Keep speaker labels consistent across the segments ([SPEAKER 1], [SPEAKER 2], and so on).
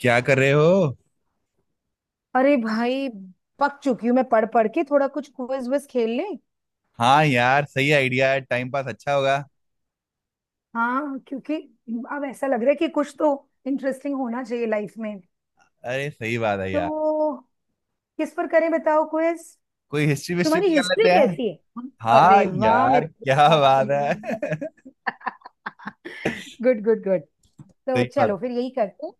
[SPEAKER 1] क्या कर रहे हो।
[SPEAKER 2] अरे भाई। पक चुकी हूँ मैं पढ़ पढ़ के, थोड़ा कुछ क्विज विज खेल ले।
[SPEAKER 1] हाँ यार, सही आइडिया है, टाइम पास अच्छा होगा।
[SPEAKER 2] हाँ, क्योंकि अब ऐसा लग रहा है कि कुछ तो इंटरेस्टिंग होना चाहिए लाइफ में।
[SPEAKER 1] अरे सही बात है यार।
[SPEAKER 2] तो किस पर करें बताओ क्विज?
[SPEAKER 1] कोई हिस्ट्री विस्ट्री
[SPEAKER 2] तुम्हारी
[SPEAKER 1] भी कर
[SPEAKER 2] हिस्ट्री
[SPEAKER 1] लेते हैं।
[SPEAKER 2] कैसी है?
[SPEAKER 1] हाँ
[SPEAKER 2] अरे वाह,
[SPEAKER 1] यार,
[SPEAKER 2] मेरे को
[SPEAKER 1] क्या
[SPEAKER 2] तो बात
[SPEAKER 1] बात है।
[SPEAKER 2] चाहिए। Good good good. तो
[SPEAKER 1] सही बात।
[SPEAKER 2] चलो फिर यही करते हैं।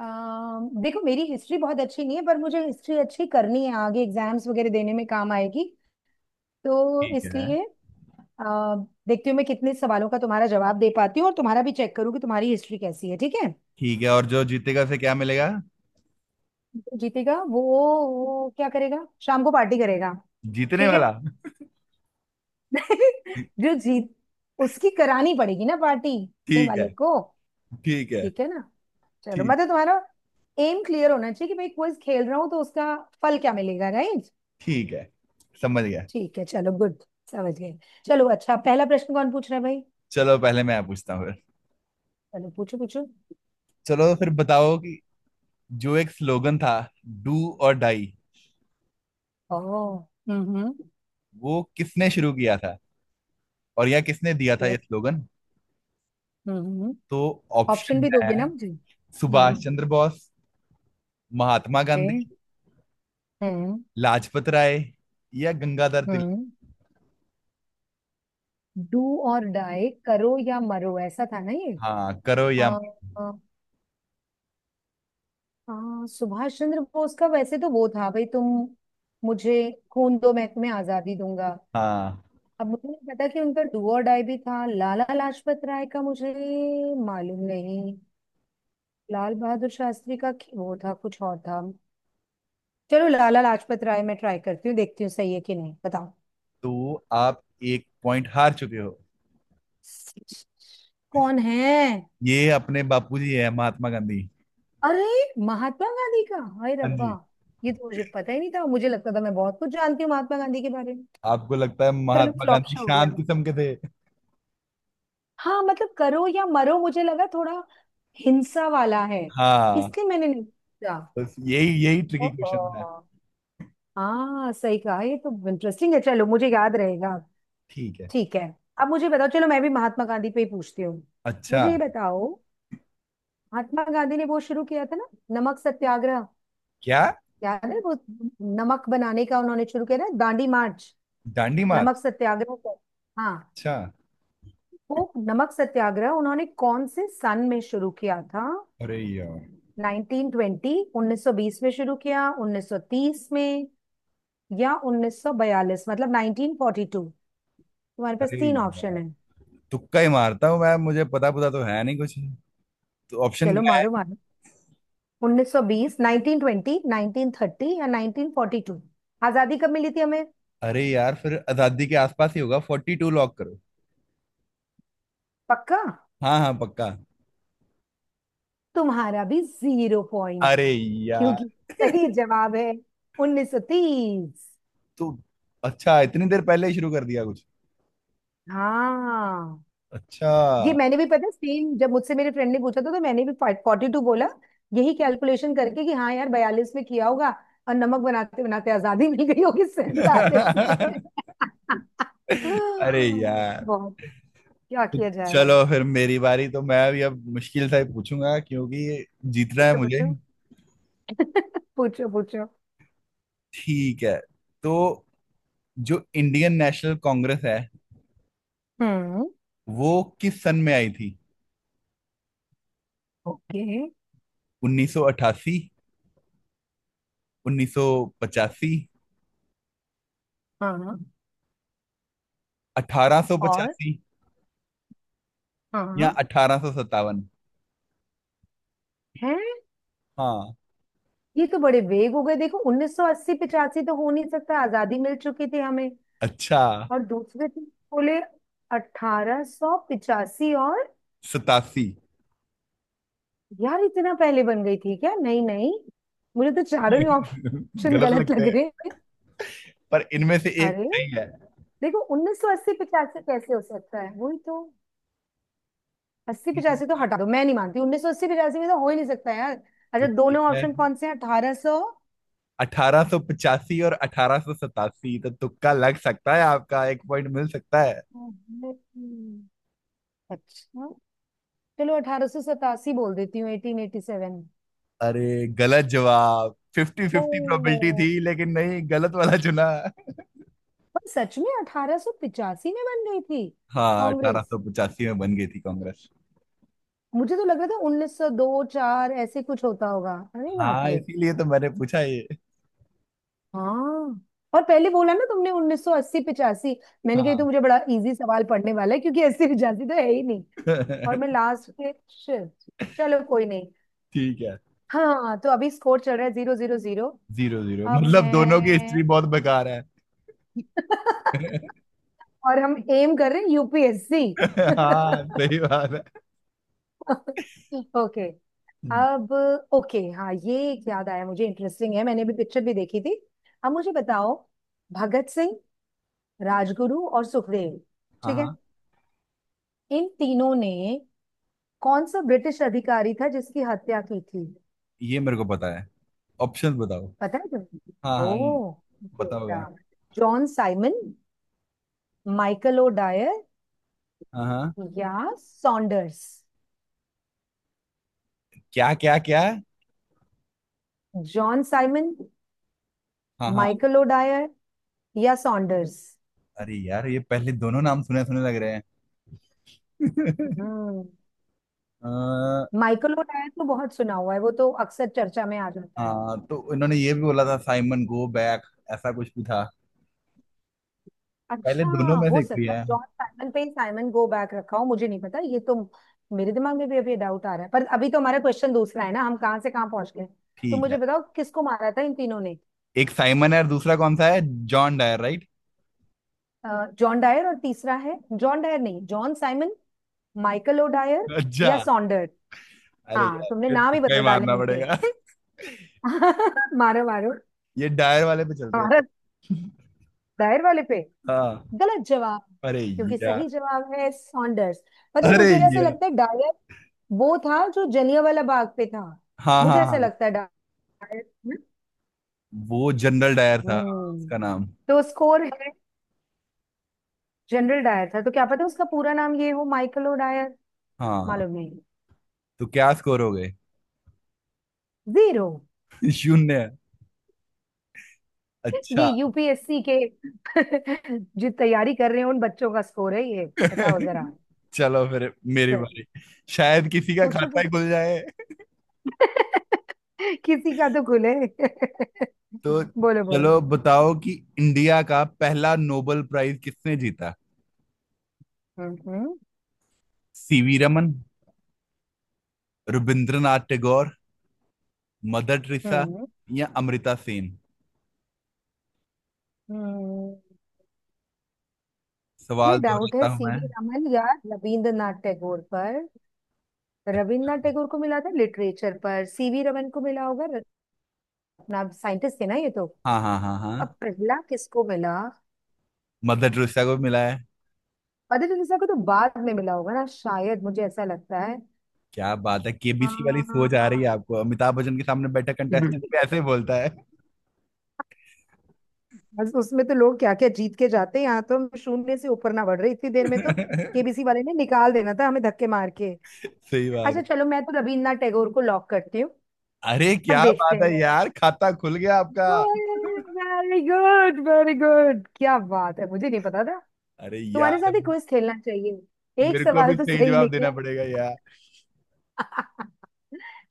[SPEAKER 2] देखो, मेरी हिस्ट्री बहुत अच्छी नहीं है, पर मुझे हिस्ट्री अच्छी करनी है। आगे एग्जाम्स वगैरह देने में काम आएगी, तो
[SPEAKER 1] ठीक है।
[SPEAKER 2] इसलिए अ, देखती हूँ मैं कितने सवालों का तुम्हारा जवाब दे पाती हूँ, और तुम्हारा भी चेक करूँ कि तुम्हारी हिस्ट्री कैसी है। ठीक है?
[SPEAKER 1] ठीक है, और जो जीतेगा फिर क्या मिलेगा?
[SPEAKER 2] जो जीतेगा वो क्या करेगा, शाम को पार्टी करेगा।
[SPEAKER 1] जीतने
[SPEAKER 2] ठीक है।
[SPEAKER 1] वाला।
[SPEAKER 2] जो जीत, उसकी करानी पड़ेगी ना पार्टी, जीतने
[SPEAKER 1] ठीक है।
[SPEAKER 2] वाले को।
[SPEAKER 1] ठीक है।
[SPEAKER 2] ठीक है ना। चलो
[SPEAKER 1] ठीक।
[SPEAKER 2] मतलब तुम्हारा एम क्लियर होना चाहिए कि भाई क्विज खेल रहा हूँ तो उसका फल क्या मिलेगा, राइट।
[SPEAKER 1] ठीक है, समझ गया।
[SPEAKER 2] ठीक है, चलो गुड। समझ गए। चलो अच्छा, पहला प्रश्न कौन पूछ रहा है भाई?
[SPEAKER 1] चलो पहले मैं पूछता हूँ फिर।
[SPEAKER 2] चलो पूछो पूछो।
[SPEAKER 1] चलो फिर बताओ कि जो एक स्लोगन था, डू और डाई,
[SPEAKER 2] ओह, हम्म।
[SPEAKER 1] वो किसने शुरू किया था, और यह किसने दिया था
[SPEAKER 2] ओके,
[SPEAKER 1] ये स्लोगन।
[SPEAKER 2] हम्म।
[SPEAKER 1] तो
[SPEAKER 2] ऑप्शन
[SPEAKER 1] ऑप्शन
[SPEAKER 2] भी
[SPEAKER 1] है:
[SPEAKER 2] दोगे ना मुझे,
[SPEAKER 1] सुभाष
[SPEAKER 2] हम्म।
[SPEAKER 1] चंद्र बोस, महात्मा
[SPEAKER 2] ओके,
[SPEAKER 1] गांधी,
[SPEAKER 2] हम्म
[SPEAKER 1] लाजपत राय, या गंगाधर तिलक।
[SPEAKER 2] हम्म। डू और डाई, करो या मरो, ऐसा था ना ये।
[SPEAKER 1] हाँ करो
[SPEAKER 2] आ,
[SPEAKER 1] या।
[SPEAKER 2] आ, आ, सुभाष चंद्र बोस का वैसे तो वो था, भाई तुम मुझे खून दो मैं तुम्हें आजादी दूंगा।
[SPEAKER 1] हाँ,
[SPEAKER 2] अब मुझे नहीं पता कि उनका डू और डाई भी था। लाला लाजपत राय का मुझे मालूम नहीं। लाल बहादुर शास्त्री का वो था कुछ और था। चलो लाला लाजपत राय मैं ट्राई करती हूँ, देखती हूँ सही है कि नहीं, बताओ।
[SPEAKER 1] तो आप एक पॉइंट हार चुके हो।
[SPEAKER 2] कौन है?
[SPEAKER 1] ये अपने बापूजी है, महात्मा गांधी।
[SPEAKER 2] अरे, महात्मा गांधी का! हाय
[SPEAKER 1] हाँ
[SPEAKER 2] रब्बा,
[SPEAKER 1] जी।
[SPEAKER 2] ये तो मुझे पता ही नहीं था। मुझे लगता था मैं बहुत कुछ जानती हूँ महात्मा गांधी के बारे में।
[SPEAKER 1] आपको लगता है
[SPEAKER 2] चलो
[SPEAKER 1] महात्मा
[SPEAKER 2] फ्लॉप
[SPEAKER 1] गांधी
[SPEAKER 2] शो हो गया।
[SPEAKER 1] शांत किस्म के थे?
[SPEAKER 2] हाँ, मतलब करो या मरो, मुझे लगा थोड़ा हिंसा वाला है,
[SPEAKER 1] हाँ।
[SPEAKER 2] इसलिए मैंने नहीं पूछा।
[SPEAKER 1] बस यही यही ट्रिकी क्वेश्चन था।
[SPEAKER 2] ओहो। हाँ सही कहा, ये तो इंटरेस्टिंग है, चलो मुझे याद रहेगा।
[SPEAKER 1] ठीक है।
[SPEAKER 2] ठीक है। अब मुझे बताओ, चलो मैं भी महात्मा गांधी पे ही पूछती हूँ।
[SPEAKER 1] अच्छा,
[SPEAKER 2] मुझे ये बताओ, महात्मा गांधी ने वो शुरू किया था ना, नमक सत्याग्रह।
[SPEAKER 1] क्या?
[SPEAKER 2] याद है वो, नमक बनाने का उन्होंने शुरू किया था, दांडी मार्च,
[SPEAKER 1] दांडी
[SPEAKER 2] नमक
[SPEAKER 1] मार्च।
[SPEAKER 2] सत्याग्रह को। हाँ।
[SPEAKER 1] अच्छा।
[SPEAKER 2] वो नमक सत्याग्रह उन्होंने कौन से सन में शुरू किया था?
[SPEAKER 1] अरे यार।
[SPEAKER 2] 1920, 1920 में शुरू किया, 1930 में, या 1942, मतलब 1942। तुम्हारे पास
[SPEAKER 1] अरे
[SPEAKER 2] तीन ऑप्शन
[SPEAKER 1] यार,
[SPEAKER 2] है।
[SPEAKER 1] तुक्का ही मारता हूँ मैं, मुझे पता पता तो है नहीं कुछ। तो ऑप्शन
[SPEAKER 2] चलो
[SPEAKER 1] क्या है?
[SPEAKER 2] मारो मारो। 1920, 1920, 1930 या 1942? आजादी कब मिली थी हमें?
[SPEAKER 1] अरे यार, फिर आजादी के आसपास ही होगा, 42 लॉक करो।
[SPEAKER 2] पक्का?
[SPEAKER 1] हाँ हाँ, पक्का।
[SPEAKER 2] तुम्हारा भी जीरो पॉइंट,
[SPEAKER 1] अरे यार।
[SPEAKER 2] क्योंकि सही जवाब है उन्नीस सौ तीस।
[SPEAKER 1] तो अच्छा, इतनी देर पहले ही शुरू कर दिया कुछ।
[SPEAKER 2] हाँ
[SPEAKER 1] अच्छा।
[SPEAKER 2] ये मैंने भी, पता सेम, जब मुझसे मेरे फ्रेंड ने पूछा था तो मैंने भी फोर्टी टू बोला। यही कैलकुलेशन करके कि हाँ यार बयालीस में किया होगा, और नमक बनाते बनाते आजादी मिल गई होगी सैतालीस में।
[SPEAKER 1] अरे यार।
[SPEAKER 2] बहुत। क्या
[SPEAKER 1] तो
[SPEAKER 2] किया जाए।
[SPEAKER 1] चलो फिर मेरी बारी, तो मैं भी अब मुश्किल से ही पूछूंगा, क्योंकि जीतना है
[SPEAKER 2] पूछो
[SPEAKER 1] मुझे।
[SPEAKER 2] पूछो। पूछो पूछो।
[SPEAKER 1] ठीक है। तो जो इंडियन नेशनल कांग्रेस है,
[SPEAKER 2] हम्म।
[SPEAKER 1] वो किस सन में आई थी?
[SPEAKER 2] ओके।
[SPEAKER 1] 1988, 1985,
[SPEAKER 2] हाँ। और
[SPEAKER 1] 1885, या
[SPEAKER 2] हाँ।
[SPEAKER 1] 1857।
[SPEAKER 2] है?
[SPEAKER 1] हाँ।
[SPEAKER 2] ये तो बड़े वेग हो गए। देखो, 1980 85 तो हो नहीं सकता, आजादी मिल चुकी थी हमें।
[SPEAKER 1] अच्छा
[SPEAKER 2] और दूसरे थे, बोले 1885 और।
[SPEAKER 1] सतासी।
[SPEAKER 2] यार इतना पहले बन गई थी क्या? नहीं नहीं, मुझे तो चारों ही ऑप्शन
[SPEAKER 1] गलत
[SPEAKER 2] गलत
[SPEAKER 1] लगते
[SPEAKER 2] लग
[SPEAKER 1] हैं,
[SPEAKER 2] रहे हैं।
[SPEAKER 1] पर इनमें से एक
[SPEAKER 2] अरे
[SPEAKER 1] सही है।
[SPEAKER 2] देखो, 1980 85 कैसे हो सकता है, वही तो। 80 85 तो हटा दो, मैं नहीं मानती 1980 85 में तो हो ही नहीं सकता यार।
[SPEAKER 1] तो
[SPEAKER 2] अच्छा,
[SPEAKER 1] ठीक
[SPEAKER 2] दोनों
[SPEAKER 1] है,
[SPEAKER 2] ऑप्शन कौन से हैं, 1800?
[SPEAKER 1] 1885 और 1887 तो तुक्का लग सकता है, आपका एक पॉइंट मिल सकता है।
[SPEAKER 2] अच्छा, चलो अठारह सौ सतासी बोल देती हूँ, एटीन एटी सेवन।
[SPEAKER 1] अरे, गलत जवाब। फिफ्टी
[SPEAKER 2] ओ,
[SPEAKER 1] फिफ्टी प्रोबेबिलिटी थी, लेकिन नहीं, गलत वाला चुना।
[SPEAKER 2] पर सच में अठारह सौ पिचासी में बन गई थी
[SPEAKER 1] हाँ, अठारह
[SPEAKER 2] कांग्रेस?
[SPEAKER 1] सौ पचासी में बन गई थी कांग्रेस।
[SPEAKER 2] मुझे तो लग रहा था उन्नीस सौ दो चार ऐसे कुछ होता होगा, अरे बाप
[SPEAKER 1] हाँ,
[SPEAKER 2] रे।
[SPEAKER 1] इसीलिए तो मैंने पूछा ये।
[SPEAKER 2] हाँ। और पहले बोला ना तुमने, उन्नीस सौ अस्सी पिचासी, मैंने कही तो
[SPEAKER 1] हाँ।
[SPEAKER 2] मुझे बड़ा इजी सवाल पढ़ने वाला है क्योंकि अस्सी पिचासी तो है ही नहीं। और मैं लास्ट के शिट, चलो कोई नहीं।
[SPEAKER 1] ठीक है।
[SPEAKER 2] हाँ तो अभी स्कोर चल रहा है जीरो जीरो जीरो।
[SPEAKER 1] 0-0
[SPEAKER 2] अब
[SPEAKER 1] मतलब दोनों की हिस्ट्री
[SPEAKER 2] है।
[SPEAKER 1] बहुत बेकार है।
[SPEAKER 2] और हम एम कर रहे हैं यूपीएससी।
[SPEAKER 1] हाँ सही बात है।
[SPEAKER 2] ओके।
[SPEAKER 1] हम्म,
[SPEAKER 2] अब ओके, हाँ ये एक याद आया मुझे, इंटरेस्टिंग है, मैंने भी पिक्चर भी देखी थी। अब मुझे बताओ, भगत सिंह, राजगुरु और सुखदेव,
[SPEAKER 1] हाँ
[SPEAKER 2] ठीक है,
[SPEAKER 1] हाँ,
[SPEAKER 2] इन तीनों ने कौन सा ब्रिटिश अधिकारी था जिसकी हत्या की थी?
[SPEAKER 1] ये मेरे को पता है, ऑप्शन बताओ।
[SPEAKER 2] पता है तुम्हें?
[SPEAKER 1] हाँ हाँ ये,
[SPEAKER 2] ओ,
[SPEAKER 1] पता होगा।
[SPEAKER 2] John Simon, Michael O'Dwyer,
[SPEAKER 1] हाँ हाँ।
[SPEAKER 2] या सॉन्डर्स।
[SPEAKER 1] क्या क्या क्या।
[SPEAKER 2] जॉन साइमन,
[SPEAKER 1] हाँ हाँ।
[SPEAKER 2] माइकल ओ डायर, या सॉन्डर्स।
[SPEAKER 1] अरे यार, ये पहले दोनों नाम सुने सुने लग रहे हैं।
[SPEAKER 2] हम्म।
[SPEAKER 1] अ,
[SPEAKER 2] माइकल ओ डायर तो बहुत सुना हुआ है, वो तो अक्सर चर्चा में आ जाता है।
[SPEAKER 1] हाँ, तो इन्होंने ये भी बोला था, साइमन गो बैक, ऐसा कुछ भी था? पहले
[SPEAKER 2] अच्छा,
[SPEAKER 1] दोनों में से
[SPEAKER 2] हो
[SPEAKER 1] एक भी
[SPEAKER 2] सकता है
[SPEAKER 1] है?
[SPEAKER 2] जॉन साइमन पे ही साइमन गो बैक रखा हो, मुझे नहीं पता ये तो। मेरे दिमाग में भी अभी डाउट आ रहा है, पर अभी तो हमारा क्वेश्चन दूसरा है ना, हम कहाँ से कहाँ पहुंच गए। तो
[SPEAKER 1] ठीक
[SPEAKER 2] मुझे
[SPEAKER 1] है,
[SPEAKER 2] बताओ, किसको मारा था इन तीनों ने?
[SPEAKER 1] एक साइमन है और दूसरा कौन सा है, John Dyer right?
[SPEAKER 2] John Dyer, और तीसरा है, जॉन डायर नहीं John Simon, Michael O'Dwyer,
[SPEAKER 1] अच्छा।
[SPEAKER 2] या सॉन्डर।
[SPEAKER 1] अरे
[SPEAKER 2] हाँ
[SPEAKER 1] यार,
[SPEAKER 2] तुमने
[SPEAKER 1] फिर
[SPEAKER 2] नाम ही
[SPEAKER 1] तुक्का ही
[SPEAKER 2] बदल डाले
[SPEAKER 1] मारना
[SPEAKER 2] उनके।
[SPEAKER 1] पड़ेगा।
[SPEAKER 2] मारो मारो।
[SPEAKER 1] ये डायर वाले पे चलते हैं।
[SPEAKER 2] हमारा दायर वाले पे?
[SPEAKER 1] हाँ।
[SPEAKER 2] गलत जवाब,
[SPEAKER 1] अरे
[SPEAKER 2] क्योंकि
[SPEAKER 1] यार।
[SPEAKER 2] सही जवाब है सॉन्डर्स। पता है
[SPEAKER 1] अरे,
[SPEAKER 2] मुझे ऐसे लगता है डायर वो था जो जलियांवाला बाग पे था।
[SPEAKER 1] हाँ
[SPEAKER 2] मुझे
[SPEAKER 1] हाँ
[SPEAKER 2] ऐसा
[SPEAKER 1] हाँ,
[SPEAKER 2] लगता है डायर। हम्म।
[SPEAKER 1] वो जनरल डायर था, हाँ,
[SPEAKER 2] हम्म,
[SPEAKER 1] उसका नाम।
[SPEAKER 2] तो स्कोर है, जनरल डायर था, तो क्या पता उसका पूरा नाम ये हो, माइकल ओ डायर।
[SPEAKER 1] हाँ,
[SPEAKER 2] मालूम नहीं।
[SPEAKER 1] तो क्या स्कोर हो गए?
[SPEAKER 2] जीरो।
[SPEAKER 1] शून्य। अच्छा।
[SPEAKER 2] ये यूपीएससी के जो तैयारी कर रहे हैं उन बच्चों का स्कोर है ये। बताओ जरा
[SPEAKER 1] चलो फिर मेरी
[SPEAKER 2] सर।
[SPEAKER 1] बारी, शायद किसी का
[SPEAKER 2] पूछो
[SPEAKER 1] खाता
[SPEAKER 2] तो।
[SPEAKER 1] ही खुल जाए।
[SPEAKER 2] किसी का तो खुले।
[SPEAKER 1] तो
[SPEAKER 2] बोलो बोलो।
[SPEAKER 1] चलो बताओ कि इंडिया का पहला नोबेल प्राइज किसने जीता।
[SPEAKER 2] हम्म।
[SPEAKER 1] CV Raman, Rabindranath Tagore, Mother Teresa,
[SPEAKER 2] हम्म।
[SPEAKER 1] या अमृता सेन।
[SPEAKER 2] हम्म। मुझे
[SPEAKER 1] सवाल
[SPEAKER 2] डाउट
[SPEAKER 1] दोहराता
[SPEAKER 2] है
[SPEAKER 1] हूं मैं।
[SPEAKER 2] सीवी रमन या रविंद्रनाथ टैगोर पर। रविंद्रनाथ टैगोर को मिला था लिटरेचर पर, सीवी रमन को मिला होगा, अपना साइंटिस्ट थे ना ये तो।
[SPEAKER 1] हाँ हाँ हाँ
[SPEAKER 2] अब
[SPEAKER 1] हाँ।
[SPEAKER 2] पहला किसको मिला?
[SPEAKER 1] मदर टेरेसा को भी मिला है।
[SPEAKER 2] मदर टेरेसा को तो बाद में मिला होगा ना शायद, मुझे ऐसा लगता है।
[SPEAKER 1] क्या बात है, केबीसी वाली सोच आ रही है
[SPEAKER 2] हाँ।
[SPEAKER 1] आपको, अमिताभ बच्चन के सामने बैठा कंटेस्टेंट भी ऐसे ही बोलता है।
[SPEAKER 2] बस उसमें तो लोग क्या क्या जीत के जाते हैं, यहाँ तो हम शून्य से ऊपर ना बढ़ रहे इतनी देर में तो। केबीसी वाले ने निकाल देना था हमें धक्के मार के।
[SPEAKER 1] सही बात
[SPEAKER 2] अच्छा
[SPEAKER 1] है।
[SPEAKER 2] चलो, मैं तो रविन्द्रनाथ टैगोर को लॉक करती हूँ।
[SPEAKER 1] अरे
[SPEAKER 2] अब
[SPEAKER 1] क्या
[SPEAKER 2] देखते
[SPEAKER 1] बात
[SPEAKER 2] हैं
[SPEAKER 1] है
[SPEAKER 2] मैं।
[SPEAKER 1] यार, खाता खुल गया आपका।
[SPEAKER 2] वेरी गुड वेरी गुड, क्या बात है, मुझे नहीं पता था।
[SPEAKER 1] अरे
[SPEAKER 2] तुम्हारे
[SPEAKER 1] यार,
[SPEAKER 2] साथ ही क्विज खेलना चाहिए, एक
[SPEAKER 1] मेरे को भी
[SPEAKER 2] सवाल तो
[SPEAKER 1] सही
[SPEAKER 2] सही
[SPEAKER 1] जवाब देना
[SPEAKER 2] निकला।
[SPEAKER 1] पड़ेगा यार।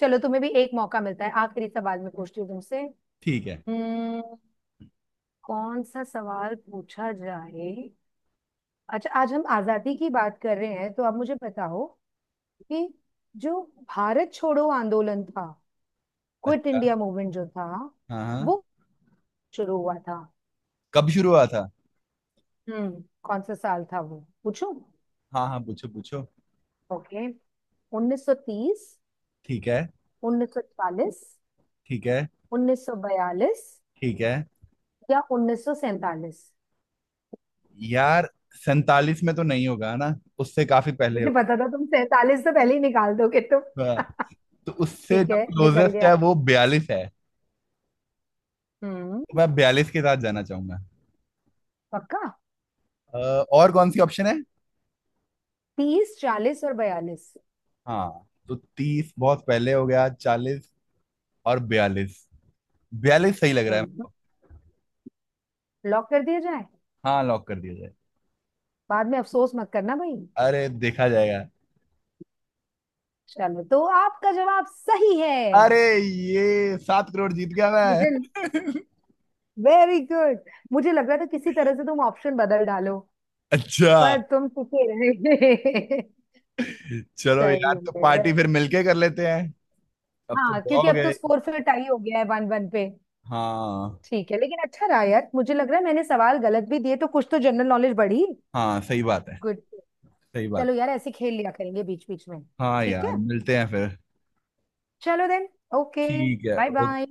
[SPEAKER 2] चलो तुम्हें भी एक मौका मिलता है, आखिरी सवाल मैं पूछती हूँ तुमसे।
[SPEAKER 1] ठीक है।
[SPEAKER 2] हम्म, कौन सा सवाल पूछा जाए। अच्छा, आज हम आजादी की बात कर रहे हैं, तो आप मुझे बताओ कि जो भारत छोड़ो आंदोलन था, क्विट
[SPEAKER 1] अच्छा।
[SPEAKER 2] इंडिया मूवमेंट जो था,
[SPEAKER 1] हाँ हाँ।
[SPEAKER 2] वो शुरू हुआ था,
[SPEAKER 1] कब शुरू हुआ था?
[SPEAKER 2] हम्म, कौन सा साल था वो, पूछूं?
[SPEAKER 1] हाँ हाँ, पूछो पूछो।
[SPEAKER 2] ओके, 1930,
[SPEAKER 1] ठीक है।
[SPEAKER 2] 1940,
[SPEAKER 1] ठीक है।
[SPEAKER 2] 1942
[SPEAKER 1] ठीक है।
[SPEAKER 2] या 1947?
[SPEAKER 1] यार, 47 में तो नहीं होगा ना, उससे काफी पहले
[SPEAKER 2] मुझे
[SPEAKER 1] होगा।
[SPEAKER 2] पता था तुम 47 तो पहले ही निकाल दोगे तुम।
[SPEAKER 1] हाँ, तो उससे
[SPEAKER 2] ठीक
[SPEAKER 1] जो
[SPEAKER 2] है निकल
[SPEAKER 1] क्लोजेस्ट
[SPEAKER 2] गया।
[SPEAKER 1] है वो 42 है।
[SPEAKER 2] हम्म।
[SPEAKER 1] तो मैं 42 के साथ जाना चाहूंगा।
[SPEAKER 2] पक्का?
[SPEAKER 1] अ, और कौन सी ऑप्शन है?
[SPEAKER 2] तीस, चालीस और बयालीस।
[SPEAKER 1] हाँ, तो 30 बहुत पहले हो गया, 40 और 42, 42 सही लग रहा है
[SPEAKER 2] हम्म।
[SPEAKER 1] मुझको।
[SPEAKER 2] लॉक कर दिया जाए?
[SPEAKER 1] हाँ, लॉक कर दिया जाए।
[SPEAKER 2] बाद में अफसोस मत करना भाई।
[SPEAKER 1] अरे देखा जाएगा।
[SPEAKER 2] चलो तो आपका जवाब सही है।
[SPEAKER 1] अरे, ये 7 करोड़ जीत गया
[SPEAKER 2] मुझे,
[SPEAKER 1] मैं।
[SPEAKER 2] Very good. मुझे लग रहा था किसी तरह से तुम ऑप्शन बदल डालो,
[SPEAKER 1] अच्छा।
[SPEAKER 2] पर तुम टिके रहे।
[SPEAKER 1] चलो
[SPEAKER 2] सही
[SPEAKER 1] यार, तो
[SPEAKER 2] है।
[SPEAKER 1] पार्टी फिर मिलके कर लेते हैं। अब तो
[SPEAKER 2] हाँ
[SPEAKER 1] दो
[SPEAKER 2] क्योंकि
[SPEAKER 1] हो
[SPEAKER 2] अब तो
[SPEAKER 1] गए।
[SPEAKER 2] स्कोर फिर टाई हो गया है, वन वन पे।
[SPEAKER 1] हाँ।
[SPEAKER 2] ठीक है, लेकिन अच्छा रहा यार, मुझे लग रहा है मैंने सवाल गलत भी दिए तो कुछ तो जनरल नॉलेज बढ़ी।
[SPEAKER 1] हाँ सही बात है।
[SPEAKER 2] गुड।
[SPEAKER 1] सही बात।
[SPEAKER 2] चलो यार ऐसे खेल लिया करेंगे बीच बीच में।
[SPEAKER 1] हाँ
[SPEAKER 2] ठीक है,
[SPEAKER 1] यार, मिलते हैं फिर।
[SPEAKER 2] चलो देन। ओके।
[SPEAKER 1] ठीक है।
[SPEAKER 2] Bye
[SPEAKER 1] okay.
[SPEAKER 2] बाय।